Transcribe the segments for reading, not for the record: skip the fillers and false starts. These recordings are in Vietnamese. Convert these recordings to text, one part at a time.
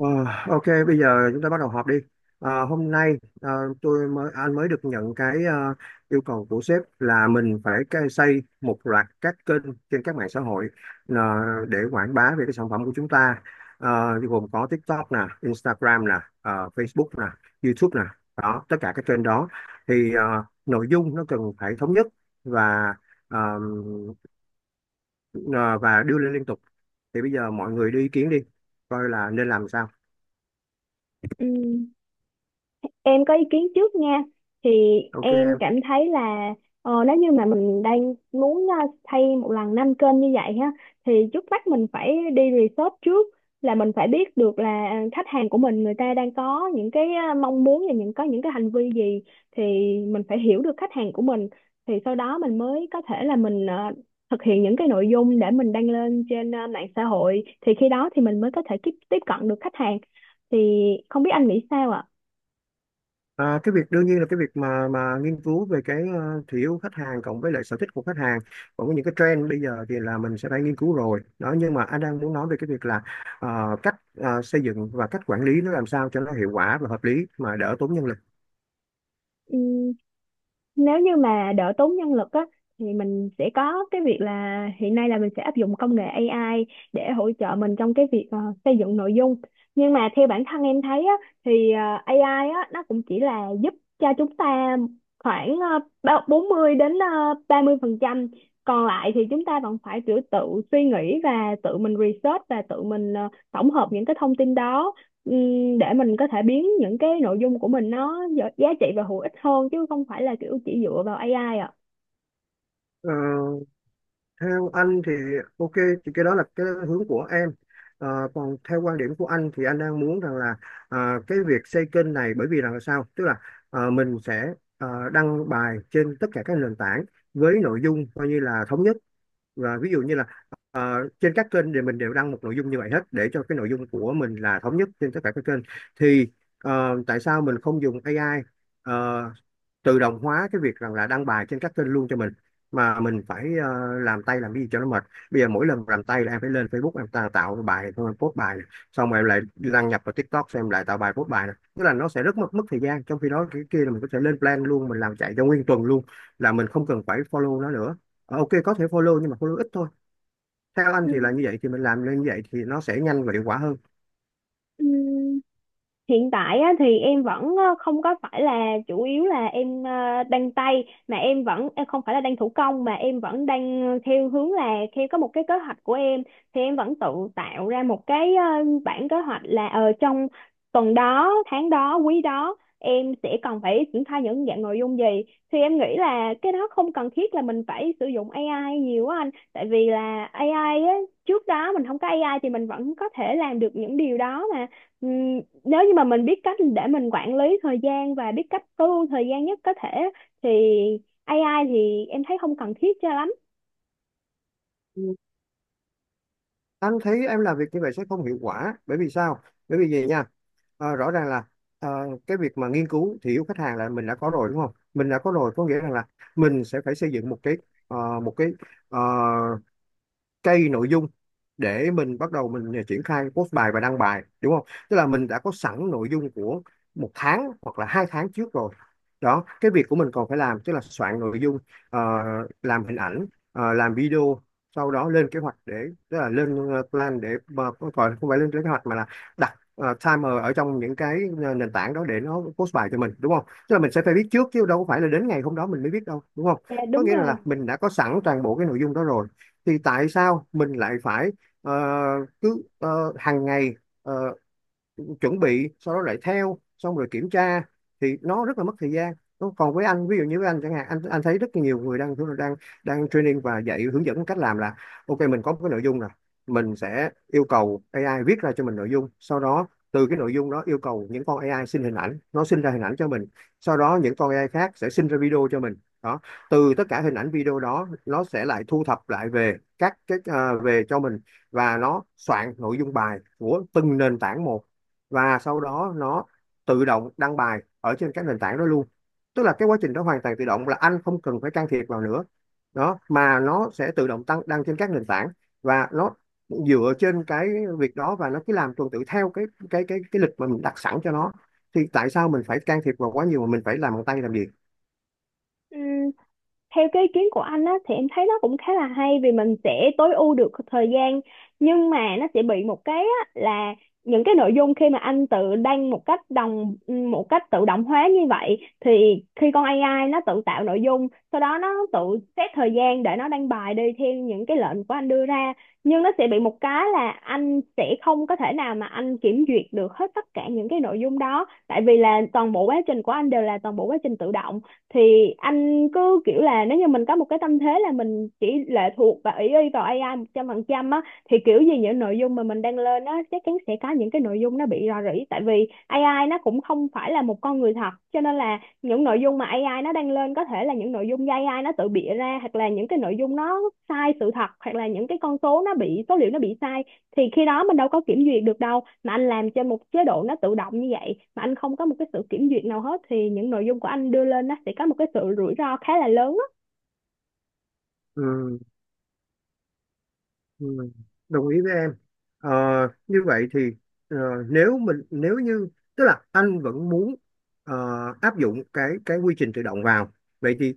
Ờ, ok, bây giờ chúng ta bắt đầu họp đi. Hôm nay ờ, tôi mới anh mới được nhận cái yêu cầu của sếp là mình phải xây một loạt các kênh trên các mạng xã hội, ờ, để quảng bá về cái sản phẩm của chúng ta. Gồm có TikTok nè, Instagram nè, Facebook nè, YouTube nè, đó tất cả các kênh đó. Thì nội dung nó cần phải thống nhất và ờ, ờ, và đưa lên liên tục. Thì bây giờ mọi người đưa ý kiến đi, coi là nên làm sao. Ừ, em có ý kiến trước nha. Thì Ok. em cảm thấy là, nếu như mà mình đang muốn thay một lần năm kênh như vậy ha, thì trước mắt mình phải đi research trước, là mình phải biết được là khách hàng của mình người ta đang có những cái mong muốn, và có những cái hành vi gì. Thì mình phải hiểu được khách hàng của mình, thì sau đó mình mới có thể là mình thực hiện những cái nội dung để mình đăng lên trên mạng xã hội. Thì khi đó thì mình mới có thể tiếp tiếp cận được khách hàng. Thì không biết anh nghĩ sao ạ? À, cái việc đương nhiên là cái việc mà nghiên cứu về cái thị hiếu khách hàng cộng với lại sở thích của khách hàng, còn có những cái trend bây giờ thì là mình sẽ phải nghiên cứu rồi đó, nhưng mà anh đang muốn nói về cái việc là cách xây dựng và cách quản lý nó làm sao cho nó hiệu quả và hợp lý mà đỡ tốn nhân lực. Ừm, Nếu như mà đỡ tốn nhân lực á, thì mình sẽ có cái việc là hiện nay là mình sẽ áp dụng công nghệ AI để hỗ trợ mình trong cái việc xây dựng nội dung. Nhưng mà theo bản thân em thấy á, thì AI á, nó cũng chỉ là giúp cho chúng ta khoảng 40 đến 30%. Còn lại thì chúng ta vẫn phải tự tự suy nghĩ và tự mình research và tự mình tổng hợp những cái thông tin đó, để mình có thể biến những cái nội dung của mình nó giá giá trị và hữu ích hơn, chứ không phải là kiểu chỉ dựa vào AI ạ. Ờ, Theo anh thì ok, thì cái đó là cái hướng của em. Ờ, Còn theo quan điểm của anh thì anh đang muốn rằng là, à, cái việc xây kênh này bởi vì rằng là sao, tức là mình sẽ đăng bài trên tất cả các nền tảng với nội dung coi như là thống nhất. Và ví dụ như là trên các kênh thì mình đều đăng một nội dung như vậy hết để cho cái nội dung của mình là thống nhất trên tất cả các kênh. Thì tại sao mình không dùng AI tự động hóa cái việc rằng là đăng bài trên các kênh luôn cho mình, mà mình phải làm tay làm cái gì cho nó mệt. Bây giờ mỗi lần làm tay là em phải lên Facebook, em tạo bài xong em post bài này. Xong rồi em lại đăng nhập vào TikTok, xem em lại tạo bài post bài này. Tức là nó sẽ rất mất mất thời gian, trong khi đó cái kia là mình có thể lên plan luôn, mình làm chạy cho nguyên tuần luôn, là mình không cần phải follow nó nữa. Ok, có thể follow nhưng mà follow ít thôi. Theo anh Ừ. thì là như vậy, thì mình làm lên như vậy thì nó sẽ nhanh và hiệu quả hơn. Ừ. Hiện tại á, thì em vẫn không có phải là chủ yếu là em đan tay, mà em vẫn em không phải là đan thủ công, mà em vẫn đang theo hướng là theo có một cái kế hoạch của em. Thì em vẫn tự tạo ra một cái bản kế hoạch là trong tuần đó, tháng đó, quý đó em sẽ cần phải triển khai những dạng nội dung gì. Thì em nghĩ là cái đó không cần thiết là mình phải sử dụng AI nhiều á anh, tại vì là AI á, trước đó mình không có AI thì mình vẫn có thể làm được những điều đó mà. Ừ, nếu như mà mình biết cách để mình quản lý thời gian và biết cách tối ưu thời gian nhất có thể, thì AI thì em thấy không cần thiết cho lắm. Ừ, anh thấy em làm việc như vậy sẽ không hiệu quả. Bởi vì sao, bởi vì gì nha? Rõ ràng là ờ, cái việc mà nghiên cứu thị hiếu khách hàng là mình đã có rồi đúng không? Mình đã có rồi có nghĩa rằng là mình sẽ phải xây dựng ờ, một cái ờ, cây nội dung để mình bắt đầu triển khai post bài và đăng bài, đúng không? Tức là mình đã có sẵn nội dung của 1 tháng hoặc là 2 tháng trước rồi. Đó, cái việc của mình còn phải làm tức là soạn nội dung, ờ, làm hình ảnh, làm video, sau đó lên kế hoạch để, tức là lên plan để mà không phải lên kế hoạch mà là đặt timer ở trong những cái nền tảng đó để nó post bài cho mình, đúng không? Tức là mình sẽ phải biết trước chứ đâu có phải là đến ngày hôm đó mình mới biết đâu, đúng không? Dạ Có đúng nghĩa là rồi. mình đã có sẵn toàn bộ cái nội dung đó rồi, thì tại sao mình lại phải ờ, cứ hàng ngày ờ, chuẩn bị, sau đó lại theo xong rồi kiểm tra, thì nó rất là mất thời gian. Còn với anh, ví dụ như với anh chẳng hạn, anh thấy rất nhiều người đang đang đang training và dạy hướng dẫn cách làm là: ok, mình có một cái nội dung rồi, mình sẽ yêu cầu AI viết ra cho mình nội dung, sau đó từ cái nội dung đó yêu cầu những con AI xin hình ảnh, nó sinh ra hình ảnh cho mình. Sau đó những con AI khác sẽ sinh ra video cho mình. Đó, từ tất cả hình ảnh video đó nó sẽ lại thu thập lại về về cho mình, và nó soạn nội dung bài của từng nền tảng một, và sau đó nó tự động đăng bài ở trên các nền tảng đó luôn. Tức là cái quá trình đó hoàn toàn tự động, là anh không cần phải can thiệp vào nữa. Đó, mà nó sẽ tự động tăng đăng trên các nền tảng, và nó dựa trên cái việc đó và nó cứ làm tuần tự theo cái lịch mà mình đặt sẵn cho nó. Thì tại sao mình phải can thiệp vào quá nhiều mà mình phải làm bằng tay làm gì. Ừ, theo cái ý kiến của anh á thì em thấy nó cũng khá là hay, vì mình sẽ tối ưu được thời gian. Nhưng mà nó sẽ bị một cái á, là những cái nội dung khi mà anh tự đăng một cách tự động hóa như vậy, thì khi con AI nó tự tạo nội dung, sau đó nó tự xét thời gian để nó đăng bài đi theo những cái lệnh của anh đưa ra. Nhưng nó sẽ bị một cái là anh sẽ không có thể nào mà anh kiểm duyệt được hết tất cả những cái nội dung đó, tại vì là toàn bộ quá trình của anh đều là toàn bộ quá trình tự động. Thì anh cứ kiểu là nếu như mình có một cái tâm thế là mình chỉ lệ thuộc và ỷ y vào AI 100% á, thì kiểu gì những nội dung mà mình đăng lên á, chắc chắn sẽ có những cái nội dung nó bị rò rỉ. Tại vì AI nó cũng không phải là một con người thật, cho nên là những nội dung mà AI nó đăng lên có thể là những nội dung do AI nó tự bịa ra, hoặc là những cái nội dung nó sai sự thật, hoặc là những cái con số nó bị số liệu nó bị sai. Thì khi đó mình đâu có kiểm duyệt được đâu, mà anh làm trên một chế độ nó tự động như vậy mà anh không có một cái sự kiểm duyệt nào hết, thì những nội dung của anh đưa lên nó sẽ có một cái sự rủi ro khá là lớn á. Ừ. Ừ, đồng ý với em. Ờ, Như vậy thì ờ, nếu như, tức là anh vẫn muốn ờ, áp dụng cái quy trình tự động vào, vậy thì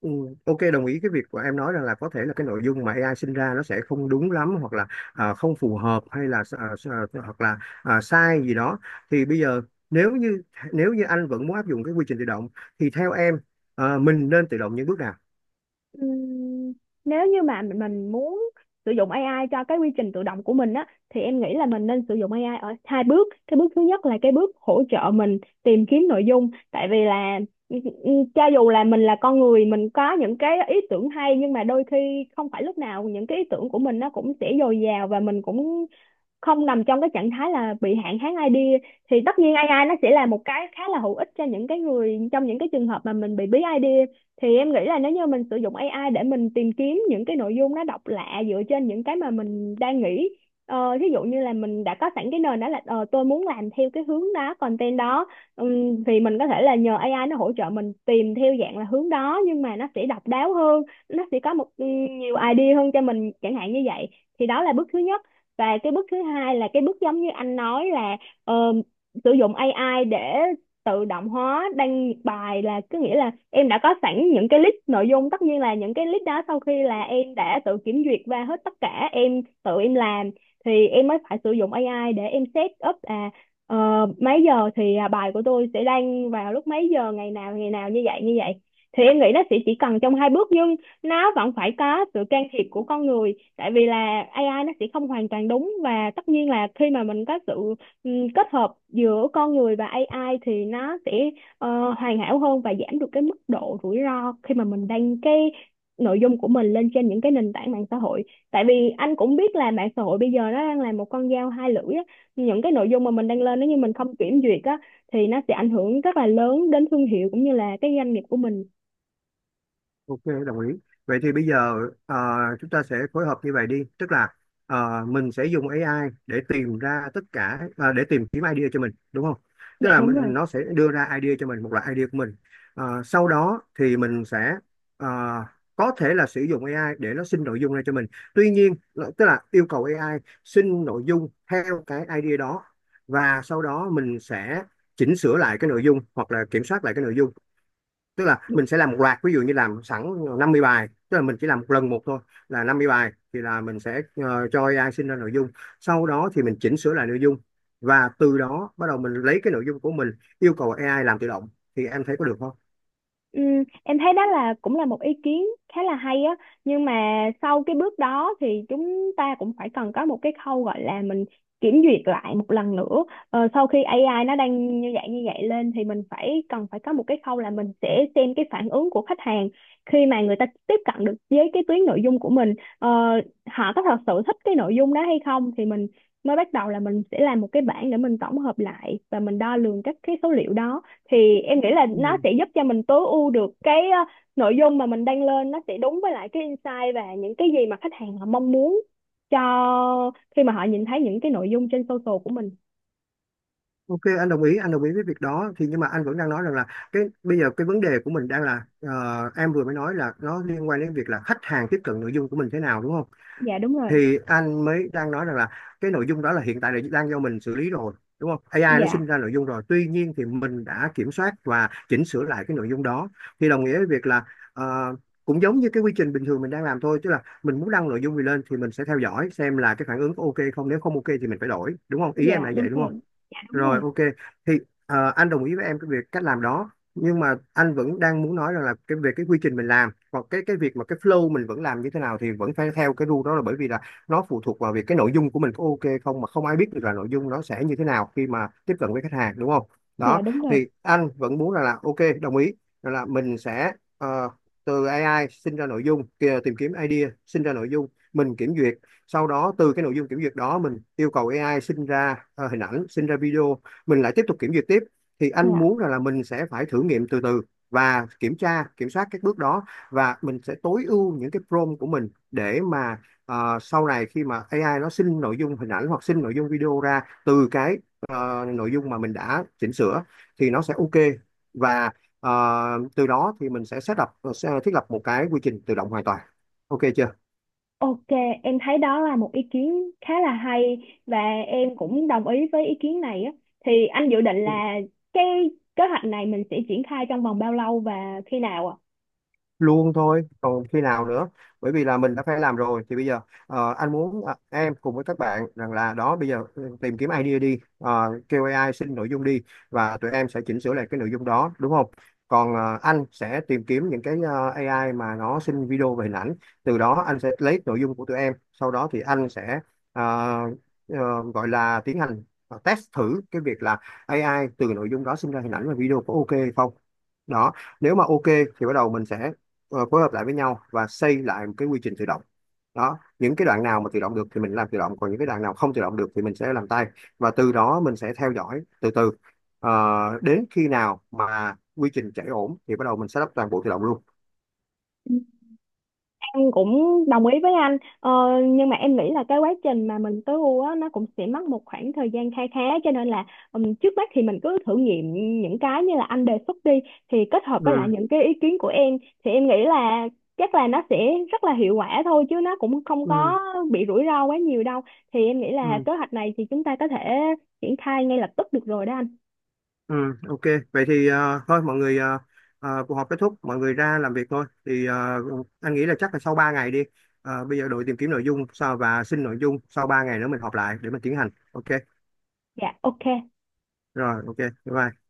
ừ, ok, đồng ý cái việc của em nói rằng là có thể là cái nội dung mà AI sinh ra nó sẽ không đúng lắm, hoặc là không phù hợp, hay là hoặc là sai gì đó. Thì bây giờ nếu như nếu như anh vẫn muốn áp dụng cái quy trình tự động thì theo em, mình nên tự động những bước nào? Ừm, Nếu như mà mình muốn sử dụng AI cho cái quy trình tự động của mình á, thì em nghĩ là mình nên sử dụng AI ở hai bước. Cái bước thứ nhất là cái bước hỗ trợ mình tìm kiếm nội dung. Tại vì là cho dù là mình là con người, mình có những cái ý tưởng hay, nhưng mà đôi khi không phải lúc nào những cái ý tưởng của mình nó cũng sẽ dồi dào, và mình cũng không nằm trong cái trạng thái là bị hạn hán idea. Thì tất nhiên AI nó sẽ là một cái khá là hữu ích cho những cái người trong những cái trường hợp mà mình bị bí idea. Thì em nghĩ là nếu như mình sử dụng AI để mình tìm kiếm những cái nội dung nó độc lạ dựa trên những cái mà mình đang nghĩ. Thí dụ như là mình đã có sẵn cái nền đó là, tôi muốn làm theo cái hướng đó, content đó. Thì mình có thể là nhờ AI nó hỗ trợ mình tìm theo dạng là hướng đó, nhưng mà nó sẽ độc đáo hơn, nó sẽ có một nhiều idea hơn cho mình chẳng hạn như vậy. Thì đó là bước thứ nhất. Và cái bước thứ hai là cái bước giống như anh nói là, ờ, sử dụng AI để tự động hóa đăng bài. Là có nghĩa là em đã có sẵn những cái list nội dung, tất nhiên là những cái list đó sau khi là em đã tự kiểm duyệt và hết tất cả em tự em làm, thì em mới phải sử dụng AI để em set up à, ờ, mấy giờ thì à, bài của tôi sẽ đăng vào lúc mấy giờ, ngày nào như vậy như vậy. Thì em nghĩ nó sẽ chỉ cần trong hai bước, nhưng nó vẫn phải có sự can thiệp của con người. Tại vì là AI nó sẽ không hoàn toàn đúng, và tất nhiên là khi mà mình có sự kết hợp giữa con người và AI thì nó sẽ hoàn hảo hơn và giảm được cái mức độ rủi ro khi mà mình đăng cái nội dung của mình lên trên những cái nền tảng mạng xã hội. Tại vì anh cũng biết là mạng xã hội bây giờ nó đang là một con dao hai lưỡi á. Những cái nội dung mà mình đăng lên nếu như mình không kiểm duyệt á, thì nó sẽ ảnh hưởng rất là lớn đến thương hiệu cũng như là cái doanh nghiệp của mình. Ok, đồng ý. Vậy thì bây giờ ờ, chúng ta sẽ phối hợp như vậy đi. Tức là mình sẽ dùng AI để tìm ra tất cả, để tìm kiếm idea cho mình, đúng không? Tức Dạ là đúng rồi. mình, nó sẽ đưa ra idea cho mình, một loại idea của mình. Sau đó thì mình sẽ ờ, có thể là sử dụng AI để nó sinh nội dung ra cho mình. Tuy nhiên, tức là yêu cầu AI sinh nội dung theo cái idea đó, và sau đó mình sẽ chỉnh sửa lại cái nội dung hoặc là kiểm soát lại cái nội dung. Tức là mình sẽ làm một loạt, ví dụ như làm sẵn 50 bài, tức là mình chỉ làm một lần một thôi là 50 bài, thì là mình sẽ cho AI sinh ra nội dung. Sau đó thì mình chỉnh sửa lại nội dung, và từ đó bắt đầu mình lấy cái nội dung của mình yêu cầu AI làm tự động, thì em thấy có được không? Ừ, em thấy đó là cũng là một ý kiến khá là hay á. Nhưng mà sau cái bước đó thì chúng ta cũng phải cần có một cái khâu gọi là mình kiểm duyệt lại một lần nữa. Sau khi AI nó đang như vậy lên thì mình phải cần phải có một cái khâu là mình sẽ xem cái phản ứng của khách hàng, khi mà người ta tiếp cận được với cái tuyến nội dung của mình. ờ, Họ có thật sự thích cái nội dung đó hay không, thì mình mới bắt đầu là mình sẽ làm một cái bảng để mình tổng hợp lại và mình đo lường các cái số liệu đó. Thì em nghĩ là nó Ừ. sẽ giúp cho mình tối ưu được cái nội dung mà mình đăng lên, nó sẽ đúng với lại cái insight và những cái gì mà khách hàng họ mong muốn, cho khi mà họ nhìn thấy những cái nội dung trên social của mình. Ok, anh đồng ý với việc đó, thì nhưng mà anh vẫn đang nói rằng là cái bây giờ cái vấn đề của mình đang là, em vừa mới nói là nó liên quan đến việc là khách hàng tiếp cận nội dung của mình thế nào, đúng không? Dạ đúng rồi. Thì anh mới đang nói rằng là cái nội dung đó là hiện tại là đang do mình xử lý rồi, đúng không? AI nó Dạ, sinh ra nội dung rồi tuy nhiên thì mình đã kiểm soát và chỉnh sửa lại cái nội dung đó. Thì đồng nghĩa với việc là ờ, cũng giống như cái quy trình bình thường mình đang làm thôi, tức là mình muốn đăng nội dung gì lên thì mình sẽ theo dõi xem là cái phản ứng có ok không, nếu không ok thì mình phải đổi, đúng không? Ý em dạ là đúng vậy đúng không? rồi. Dạ đúng Rồi, rồi. ok. Thì anh đồng ý với em cái việc cách làm đó, nhưng mà anh vẫn đang muốn nói rằng là cái về cái quy trình mình làm, hoặc cái việc mà cái flow mình vẫn làm như thế nào thì vẫn phải theo cái rule đó, là bởi vì là nó phụ thuộc vào việc cái nội dung của mình có ok không, mà không ai biết được là nội dung nó sẽ như thế nào khi mà tiếp cận với khách hàng, đúng không? Dạ Đó. đúng rồi. Thì anh vẫn muốn rằng là ok, đồng ý rằng là mình sẽ ờ, từ AI sinh ra nội dung kìa, tìm kiếm idea sinh ra nội dung, mình kiểm duyệt. Sau đó từ cái nội dung kiểm duyệt đó mình yêu cầu AI sinh ra hình ảnh, sinh ra video, mình lại tiếp tục kiểm duyệt tiếp. Thì anh Dạ muốn rằng là mình sẽ phải thử nghiệm từ từ, và kiểm tra kiểm soát các bước đó, và mình sẽ tối ưu những cái prompt của mình để mà sau này khi mà AI nó sinh nội dung hình ảnh hoặc sinh nội dung video ra từ cái, nội dung mà mình đã chỉnh sửa, thì nó sẽ ok. Và ờ, từ đó thì mình sẽ sẽ thiết lập một cái quy trình tự động hoàn toàn, ok chưa? ok. Em thấy đó là một ý kiến khá là hay, và em cũng đồng ý với ý kiến này á. Thì anh dự định là cái kế hoạch này mình sẽ triển khai trong vòng bao lâu và khi nào ạ? Luôn thôi, còn khi nào nữa. Bởi vì là mình đã phải làm rồi, thì bây giờ anh muốn em cùng với các bạn rằng là, đó bây giờ tìm kiếm idea đi. Ờ, Kêu AI xin nội dung đi, và tụi em sẽ chỉnh sửa lại cái nội dung đó, đúng không? Còn anh sẽ tìm kiếm những cái AI mà nó xin video và hình ảnh. Từ đó anh sẽ lấy nội dung của tụi em, sau đó thì anh sẽ ờ, ờ, gọi là tiến hành test thử cái việc là AI từ nội dung đó sinh ra hình ảnh và video có ok hay không. Đó, nếu mà ok thì bắt đầu mình sẽ phối hợp lại với nhau và xây lại một cái quy trình tự động. Đó, những cái đoạn nào mà tự động được thì mình làm tự động, còn những cái đoạn nào không tự động được thì mình sẽ làm tay. Và từ đó mình sẽ theo dõi từ từ. Ờ, Đến khi nào mà quy trình chạy ổn thì bắt đầu mình sẽ lắp toàn bộ tự động luôn. Em cũng đồng ý với anh, nhưng mà em nghĩ là cái quá trình mà mình tối ưu á, nó cũng sẽ mất một khoảng thời gian kha khá. Cho nên là, trước mắt thì mình cứ thử nghiệm những cái như là anh đề xuất đi, thì kết hợp với lại Ừ, những cái ý kiến của em. Thì em nghĩ là chắc là nó sẽ rất là hiệu quả thôi, chứ nó cũng không ừ, có bị rủi ro quá nhiều đâu. Thì em nghĩ là ừ, kế hoạch này thì chúng ta có thể triển khai ngay lập tức được rồi đó anh. ừ. Ok, vậy thì thôi mọi người, cuộc họp kết thúc, mọi người ra làm việc thôi. Thì anh nghĩ là chắc là sau 3 ngày đi. Bây giờ đội tìm kiếm nội dung sau và xin nội dung, sau 3 ngày nữa mình họp lại để mình tiến hành, ok? Dạ ok. Rồi, ok, bye. Bye.